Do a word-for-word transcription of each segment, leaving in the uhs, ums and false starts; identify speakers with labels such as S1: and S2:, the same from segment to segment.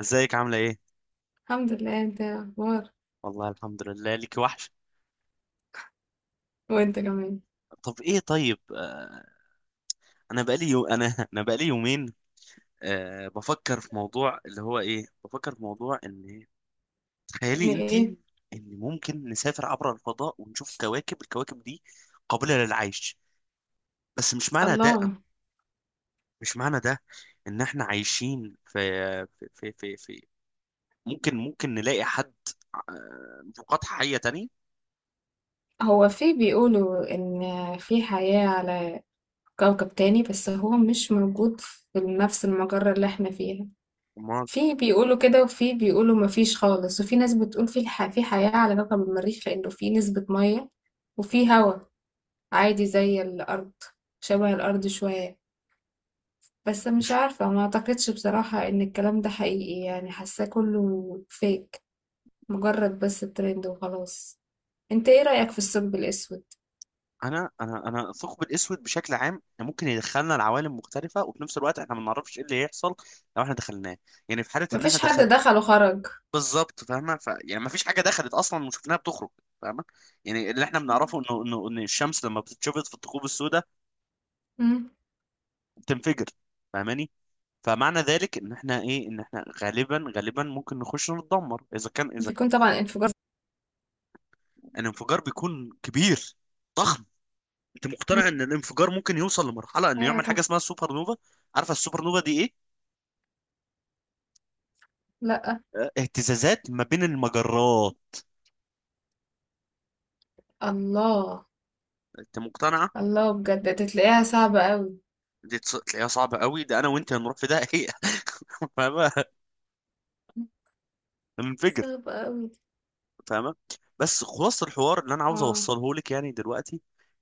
S1: ازيك عاملة ايه؟
S2: الحمد لله. انت ايه الاخبار؟
S1: والله الحمد لله ليك وحش.
S2: وانت كمان.
S1: طب ايه طيب آه، انا بقالي يو... انا انا بقالي يومين. آه، بفكر في موضوع اللي هو ايه، بفكر في موضوع ان
S2: يعني
S1: تخيلي
S2: ايه؟
S1: انتي ان ممكن نسافر عبر الفضاء ونشوف كواكب، الكواكب دي قابلة للعيش. بس مش معنى ده،
S2: الله.
S1: مش معنى ده ان احنا عايشين في في في في, في... ممكن ممكن نلاقي حد، آه، مخلوقات حية تانية.
S2: هو في بيقولوا ان في حياة على كوكب تاني، بس هو مش موجود في نفس المجرة اللي احنا فيها.
S1: امال
S2: في بيقولوا كده وفي بيقولوا مفيش خالص، وفي ناس بتقول في الح... في حياة على كوكب المريخ، لانه في نسبة مية وفي هوا عادي زي الارض، شبه الارض شوية. بس مش عارفة، ما اعتقدش بصراحة ان الكلام ده حقيقي، يعني حاساه كله فيك، مجرد بس ترند وخلاص. انت ايه رأيك في الثقب الأسود؟
S1: انا انا انا الثقب الاسود بشكل عام ممكن يدخلنا لعوالم مختلفه، وفي نفس الوقت احنا ما نعرفش ايه اللي هيحصل لو احنا دخلناه. يعني في حاله ان احنا
S2: مفيش حد
S1: دخل
S2: دخل وخرج.
S1: بالظبط، فاهمه. ف يعني ما فيش حاجه دخلت اصلا وشفناها بتخرج، فاهمه. يعني اللي احنا بنعرفه انه انه ان الشمس لما بتتشفط في الثقوب السوداء
S2: مم.
S1: بتنفجر، فاهماني. فمعنى ذلك ان احنا ايه، ان احنا غالبا غالبا ممكن نخش نتدمر، اذا كان اذا كان
S2: بيكون طبعا انفجار.
S1: الانفجار بيكون كبير. انت
S2: مم.
S1: مقتنع ان الانفجار ممكن يوصل لمرحله انه
S2: ايوه
S1: يعمل حاجه
S2: طبعا.
S1: اسمها سوبر نوفا؟ عارفه السوبر نوفا دي ايه؟
S2: لا.
S1: اهتزازات ما بين المجرات.
S2: الله.
S1: انت مقتنعه؟
S2: الله بجد، تلاقيها صعبة قوي.
S1: دي تص- تلاقيها صعبه قوي، ده انا وانت هنروح في ده هي فاهمه، هننفجر،
S2: صعبة قوي دي.
S1: فاهمه. بس خلاص، الحوار اللي انا عاوز
S2: اه.
S1: اوصله لك يعني دلوقتي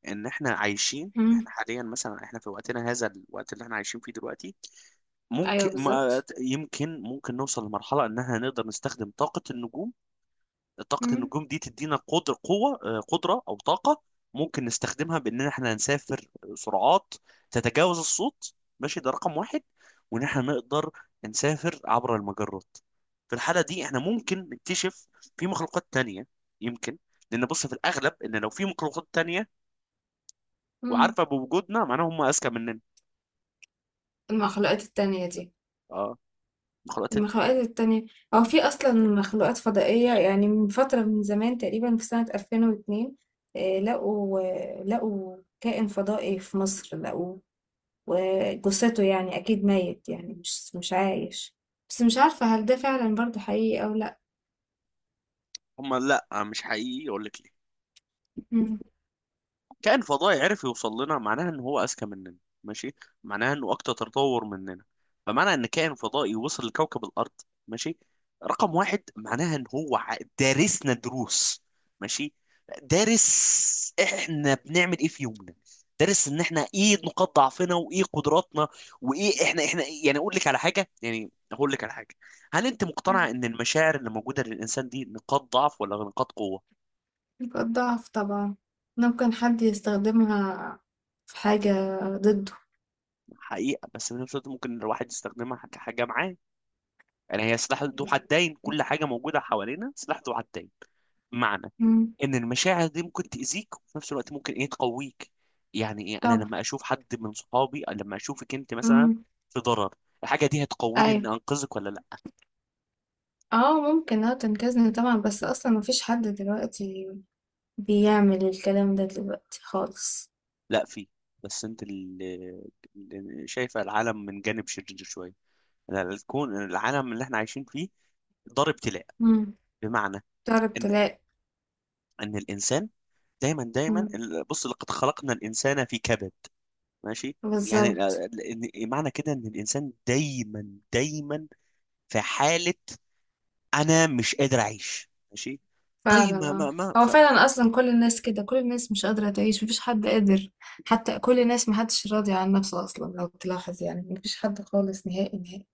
S1: ان احنا عايشين، احنا
S2: مم.
S1: حاليا مثلا، احنا في وقتنا، هذا الوقت اللي احنا عايشين فيه دلوقتي،
S2: ايوه
S1: ممكن ما
S2: بالظبط.
S1: يمكن ممكن نوصل لمرحله ان احنا نقدر نستخدم طاقه النجوم. طاقة
S2: مم.
S1: النجوم دي تدينا قدر قوة، آه، قدرة أو طاقة ممكن نستخدمها بإن إحنا نسافر سرعات تتجاوز الصوت. ماشي، ده رقم واحد. وإن إحنا نقدر نسافر عبر المجرات. في الحالة دي إحنا ممكن نكتشف في مخلوقات تانية، يمكن. لأن بص في الأغلب إن لو في مخلوقات تانية
S2: مم.
S1: وعارفة بوجودنا، معناها هم أذكى مننا.
S2: المخلوقات التانية دي،
S1: أه، مخلوقات.
S2: المخلوقات التانية، هو في أصلا مخلوقات فضائية يعني من فترة، من زمان، تقريبا في سنة ألفين واثنين آه، لقوا آه، لقوا كائن فضائي في مصر، لقوا وجثته، يعني أكيد ميت، يعني مش مش عايش. بس مش عارفة هل ده فعلا برضه حقيقي أو لأ.
S1: هم لا، مش حقيقي، أقول لك ليه.
S2: مم.
S1: كائن فضائي عرف يوصل لنا معناها ان هو اذكى مننا، ماشي. معناها انه اكتر تطور مننا. فمعنى ان كائن فضائي وصل لكوكب الارض، ماشي، رقم واحد، معناها ان هو ع- دارسنا دروس، ماشي. دارس احنا بنعمل ايه في يومنا، دارس ان احنا ايه نقاط ضعفنا وايه قدراتنا وايه احنا احنا يعني، اقول لك على حاجه يعني اقول لك على حاجه. هل انت مقتنع ان المشاعر اللي موجوده للانسان دي نقاط ضعف ولا نقاط قوه؟
S2: نقاط ضعف طبعا، ممكن حد يستخدمها في حاجة ضده.
S1: حقيقة، بس في نفس الوقت ممكن الواحد يستخدمها كحاجة معاه. يعني هي سلاح ذو حدين، كل حاجة موجودة حوالينا سلاح ذو حدين. معنى
S2: مم.
S1: ان المشاعر دي ممكن تأذيك، وفي نفس الوقت ممكن ايه تقويك. يعني ايه، انا
S2: طبعا.
S1: لما اشوف حد من صحابي أو لما اشوفك انت مثلا
S2: مم.
S1: في ضرر، الحاجة دي هتقويني ان
S2: أيوة.
S1: انقذك ولا لا؟
S2: اه ممكن، اه تنقذني طبعا، بس اصلا مفيش حد دلوقتي بيعمل الكلام ده دلوقتي خالص.
S1: لا في. بس انت اللي اللي شايفة العالم من جانب شرير شوية. لا، الكون، العالم اللي احنا عايشين فيه دار ابتلاء،
S2: مم.
S1: بمعنى
S2: تعرف
S1: ان
S2: تلاقي.
S1: ان الانسان دايما دايما
S2: مم.
S1: ال- بص، لقد خلقنا الانسان في كبد، ماشي. يعني
S2: بالظبط.
S1: ال- ال- معنى كده ان الانسان دايما دايما في حاله انا مش قادر اعيش، ماشي.
S2: فعلا
S1: طيب ما
S2: اه.
S1: ما ما,
S2: هو
S1: ف...
S2: فعلا اصلا كل الناس كده، كل الناس مش قادره تعيش، مفيش حد قادر. حتى كل الناس محدش راضي عن نفسه اصلا لو تلاحظ، يعني مفيش حد خالص نهائي نهائي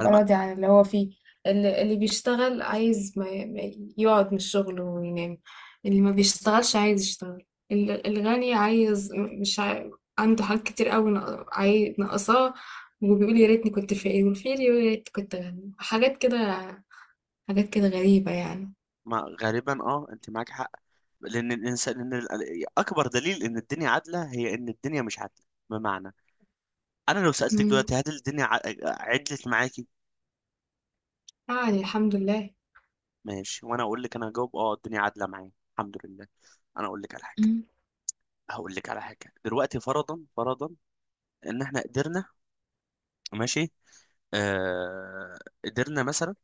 S1: أنا ما,
S2: راضي عن اللي هو فيه. اللي, اللي بيشتغل عايز ما ما يقعد من الشغل وينام، اللي ما بيشتغلش عايز يشتغل. ال- الغني عايز، مش عاي... عنده حاجات كتير قوي، ناق- عاي... ناقصاه، وبيقول يا ريتني كنت فقير، والفقير يقول يا ريت كنت غني. حاجات كده، حاجات كده غريبة يعني.
S1: ما غالبا اه، انت معاك حق. لان الانسان، لان ال- اكبر دليل ان الدنيا عادله هي ان الدنيا مش عادله، بمعنى انا لو سالتك
S2: مم.
S1: دلوقتي هل الدنيا ع- عدلت معاكي؟
S2: يعني الحمد لله.
S1: ماشي، وانا اقول لك، انا هجاوب اه، الدنيا عادله معايا الحمد لله. انا اقول لك على حاجه،
S2: مم.
S1: هقول لك على حاجه دلوقتي. فرضا فرضا ان احنا قدرنا، ماشي، آه، قدرنا مثلا،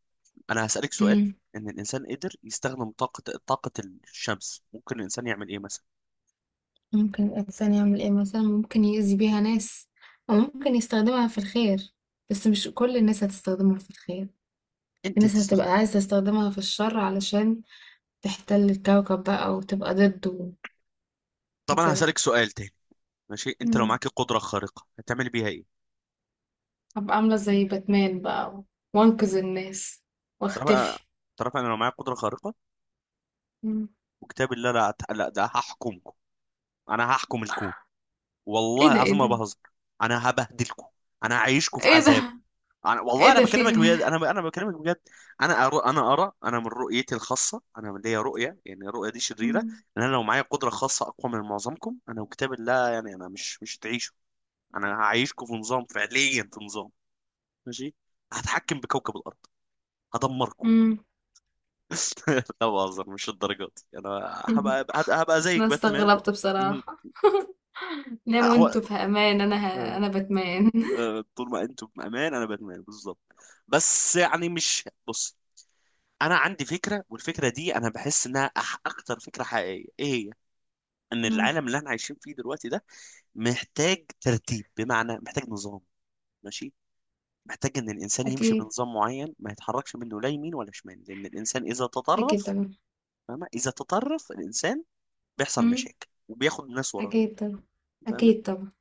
S1: انا هسالك سؤال،
S2: مم.
S1: ان الانسان قدر يستخدم طاقه، طاقه الشمس، ممكن الانسان يعمل ايه مثلا؟
S2: ممكن الإنسان يعمل إيه مثلا؟ ممكن يأذي بيها ناس، أو ممكن يستخدمها في الخير، بس مش كل الناس هتستخدمها في الخير. في
S1: انت
S2: ناس
S1: هتستخدم.
S2: هتبقى عايزة تستخدمها في الشر علشان تحتل الكوكب بقى وتبقى ضده
S1: طب انا
S2: وكده.
S1: هسالك سؤال تاني، ماشي، انت لو
S2: مم.
S1: معاك قدره خارقه هتعمل بيها ايه؟
S2: هبقى عاملة زي باتمان بقى و- وانقذ الناس
S1: تعرف
S2: واختفي.
S1: تعرف انا لو معايا قدره خارقه
S2: مم.
S1: وكتاب الله لا أت- لا ده هحكمكم، انا هحكم الكون،
S2: ايه
S1: والله
S2: ده، ايه
S1: العظيم ما
S2: ده،
S1: بهزر، انا هبهدلكم، انا هعيشكم في
S2: ايه
S1: عذاب.
S2: ده،
S1: انا
S2: ايه
S1: والله انا
S2: ده، في
S1: بكلمك
S2: إيه؟
S1: بجد، انا انا بكلمك بجد. انا أرى انا ارى، انا من رؤيتي الخاصه، انا من ليا رؤيه يعني، الرؤيه دي شريره.
S2: مم.
S1: ان انا لو معايا قدره خاصه اقوى من معظمكم انا وكتاب الله، يعني انا مش مش هتعيشوا، انا هعيشكم في نظام، فعليا في نظام، ماشي، هتحكم بكوكب الارض، هدمركم.
S2: مم.
S1: لا بهزر، مش الدرجات دي. انا هبقى هبقى هبقى
S2: أنا
S1: زيك باتمان.
S2: استغربت
S1: مم.
S2: بصراحة. ناموا
S1: هو
S2: انتوا في أمان، أنا ه... أنا بتمان.
S1: آه. طول ما انتم بامان انا باتمان، بالظبط. بس يعني مش، بص، انا عندي فكره والفكره دي انا بحس انها أح اكتر فكره حقيقيه، ايه هي؟ ان
S2: مم.
S1: العالم اللي احنا عايشين فيه دلوقتي ده محتاج ترتيب، بمعنى محتاج نظام، ماشي، محتاج ان الانسان يمشي
S2: أكيد.
S1: بنظام معين ما يتحركش منه لا يمين ولا شمال، لان الانسان اذا
S2: أكيد
S1: تطرف،
S2: طبعا.
S1: فاهمه، اذا تطرف الانسان بيحصل
S2: مم.
S1: مشاكل وبياخد الناس وراه،
S2: أكيد طبعا.
S1: فاهمه.
S2: أكيد طبعا.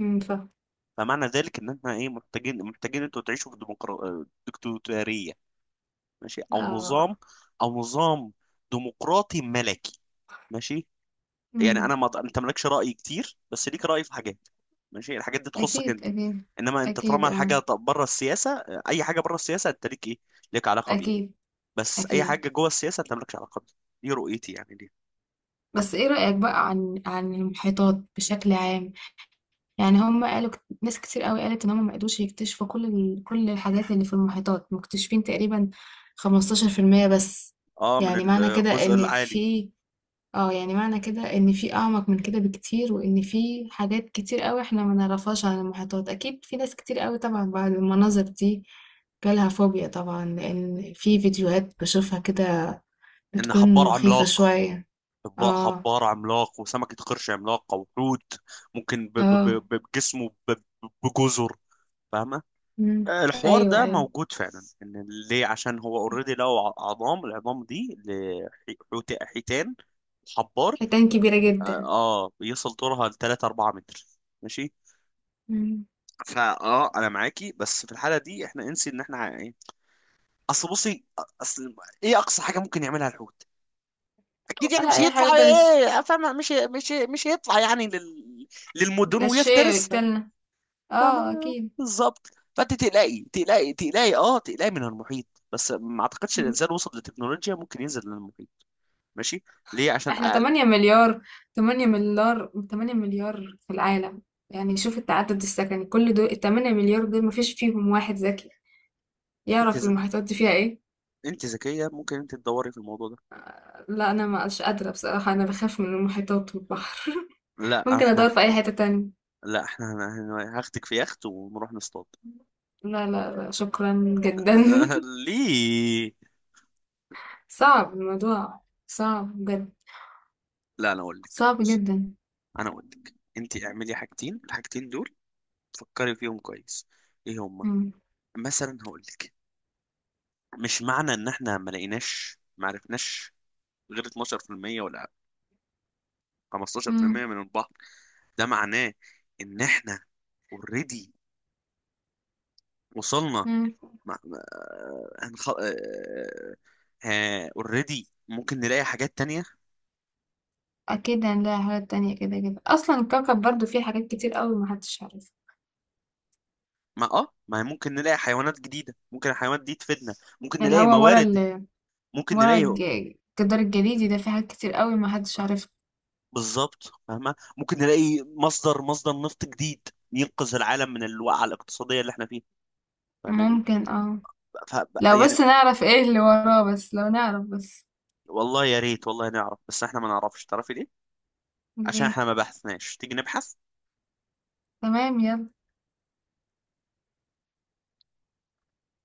S2: مم، فاهم.
S1: فمعنى ذلك ان احنا ايه، محتاجين محتاجين انتوا تعيشوا في ديمقرا... ديكتاتوريه، ماشي، او نظام،
S2: آه.
S1: او نظام ديمقراطي ملكي، ماشي. يعني
S2: مم.
S1: انا، ما انت مالكش راي كتير بس ليك راي في حاجات، ماشي، الحاجات دي تخصك
S2: أكيد.
S1: انت.
S2: أكيد.
S1: انما انت
S2: أكيد
S1: طالما
S2: آه.
S1: الحاجه طب- بره السياسه، اي حاجه بره السياسه انت ليك ايه، ليك علاقه بيها.
S2: أكيد.
S1: بس اي
S2: أكيد.
S1: حاجه جوه السياسه انت مالكش علاقه بيها. دي رؤيتي يعني دي.
S2: بس إيه رأيك بقى عن عن المحيطات بشكل عام؟ يعني هم قالوا كت- ناس كتير قوي قالت إن هم ما قدروش يكتشفوا كل ال... كل الحاجات اللي في المحيطات، مكتشفين تقريبا خمستاشر في المية بس.
S1: اه، من
S2: يعني معنى كده
S1: الجزء
S2: إن
S1: العالي.
S2: في، اه يعني معنى كده ان في اعمق من كده بكتير، وان في حاجات كتير قوي احنا ما نعرفهاش عن المحيطات. اكيد في ناس كتير قوي طبعا بعد المناظر دي جالها فوبيا، طبعا لان في فيديوهات بشوفها كده
S1: ان
S2: بتكون
S1: حبار
S2: مخيفة
S1: عملاق،
S2: شوية.
S1: حب-
S2: اه.
S1: حبار عملاق وسمكه قرش عملاقه وحوت ممكن ب- ب-
S2: اه.
S1: ب- بجسمه ب- ب- بجزر، فاهمه.
S2: مم.
S1: الحوار
S2: ايوه
S1: ده
S2: ايوه.
S1: موجود فعلا، ان ليه، عشان هو اوريدي لو ع- عظام، العظام دي لحيتان، حيتان، حبار.
S2: حيتان كبيرة
S1: اه،
S2: جدا.
S1: آه، بيصل طولها ل تلاتة اربعة متر، ماشي.
S2: مم.
S1: فا اه، انا معاكي، بس في الحاله دي احنا انسي ان احنا ع- ايه، اصل بصي، اصل ايه اقصى حاجه ممكن يعملها الحوت؟ اكيد يعني
S2: ولا
S1: مش
S2: اي
S1: هيطلع
S2: حاجة في ده لسه.
S1: ايه، فاهمه، مش مش مش هيطلع يعني لل... للمدن
S2: ده الشيء
S1: ويفترس.
S2: يقتلنا. اه
S1: فما
S2: اكيد.
S1: بالظبط. فانت تقلقي تقلقي تقلقي اه تقلقي من المحيط، بس ما اعتقدش الانسان وصل لتكنولوجيا ممكن ينزل للمحيط، ماشي، ليه، عشان
S2: احنا
S1: اقل.
S2: ثمانية مليار، ثمانية مليار، ثمانية مليار في العالم، يعني شوف التعدد السكني. كل دول ال تمنية مليار دول مفيش فيهم واحد ذكي
S1: انت
S2: يعرف
S1: ز...
S2: المحيطات دي فيها ايه؟
S1: انت ذكيه ممكن انت تدوري في الموضوع ده.
S2: لا انا ما مش قادرة بصراحة، انا بخاف من المحيطات والبحر.
S1: لا
S2: ممكن ادور
S1: احنا
S2: في اي حتة تانية.
S1: لا احنا هن- هن- هاخدك في يخت ونروح نصطاد.
S2: لا لا لا، شكرا جدا.
S1: ليه؟
S2: صعب الموضوع، صعب بجد،
S1: لا انا اقول لك،
S2: صعب
S1: بص،
S2: جدا.
S1: انا اقول لك، انت اعملي حاجتين، الحاجتين دول فكري فيهم كويس. ايه هما؟
S2: مم.
S1: مثلا هقول لك، مش معنى ان احنا ما لقيناش، ما عرفناش غير اتناشر في المية ولا
S2: مم.
S1: خمستاشر في المية من البحر، ده معناه ان احنا اوريدي وصلنا
S2: مم.
S1: مع... مع- هنخ... اوريدي ممكن نلاقي حاجات تانية.
S2: اكيد هنلاقي حاجات تانية، كده كده اصلا الكوكب برضو فيه حاجات كتير قوي محدش عارفها.
S1: ما اه، ما ممكن نلاقي حيوانات جديدة، ممكن الحيوانات دي تفيدنا، ممكن
S2: اللي
S1: نلاقي
S2: هو ورا
S1: موارد،
S2: ال،
S1: ممكن
S2: ورا
S1: نلاقي،
S2: الج- الجدار الجليدي ده في حاجات كتير قوي ما حدش عارفها.
S1: بالظبط فاهمة، ممكن نلاقي مصدر، مصدر نفط جديد ينقذ العالم من الوقعة الاقتصادية اللي احنا فيها، فاهماني.
S2: ممكن اه،
S1: ف...
S2: لو
S1: يعني
S2: بس نعرف ايه اللي وراه، بس لو نعرف بس.
S1: والله يا ريت، والله نعرف بس. احنا ما نعرفش، تعرفي ليه؟ عشان
S2: ليه؟
S1: احنا ما بحثناش، تيجي نبحث.
S2: تمام يلا.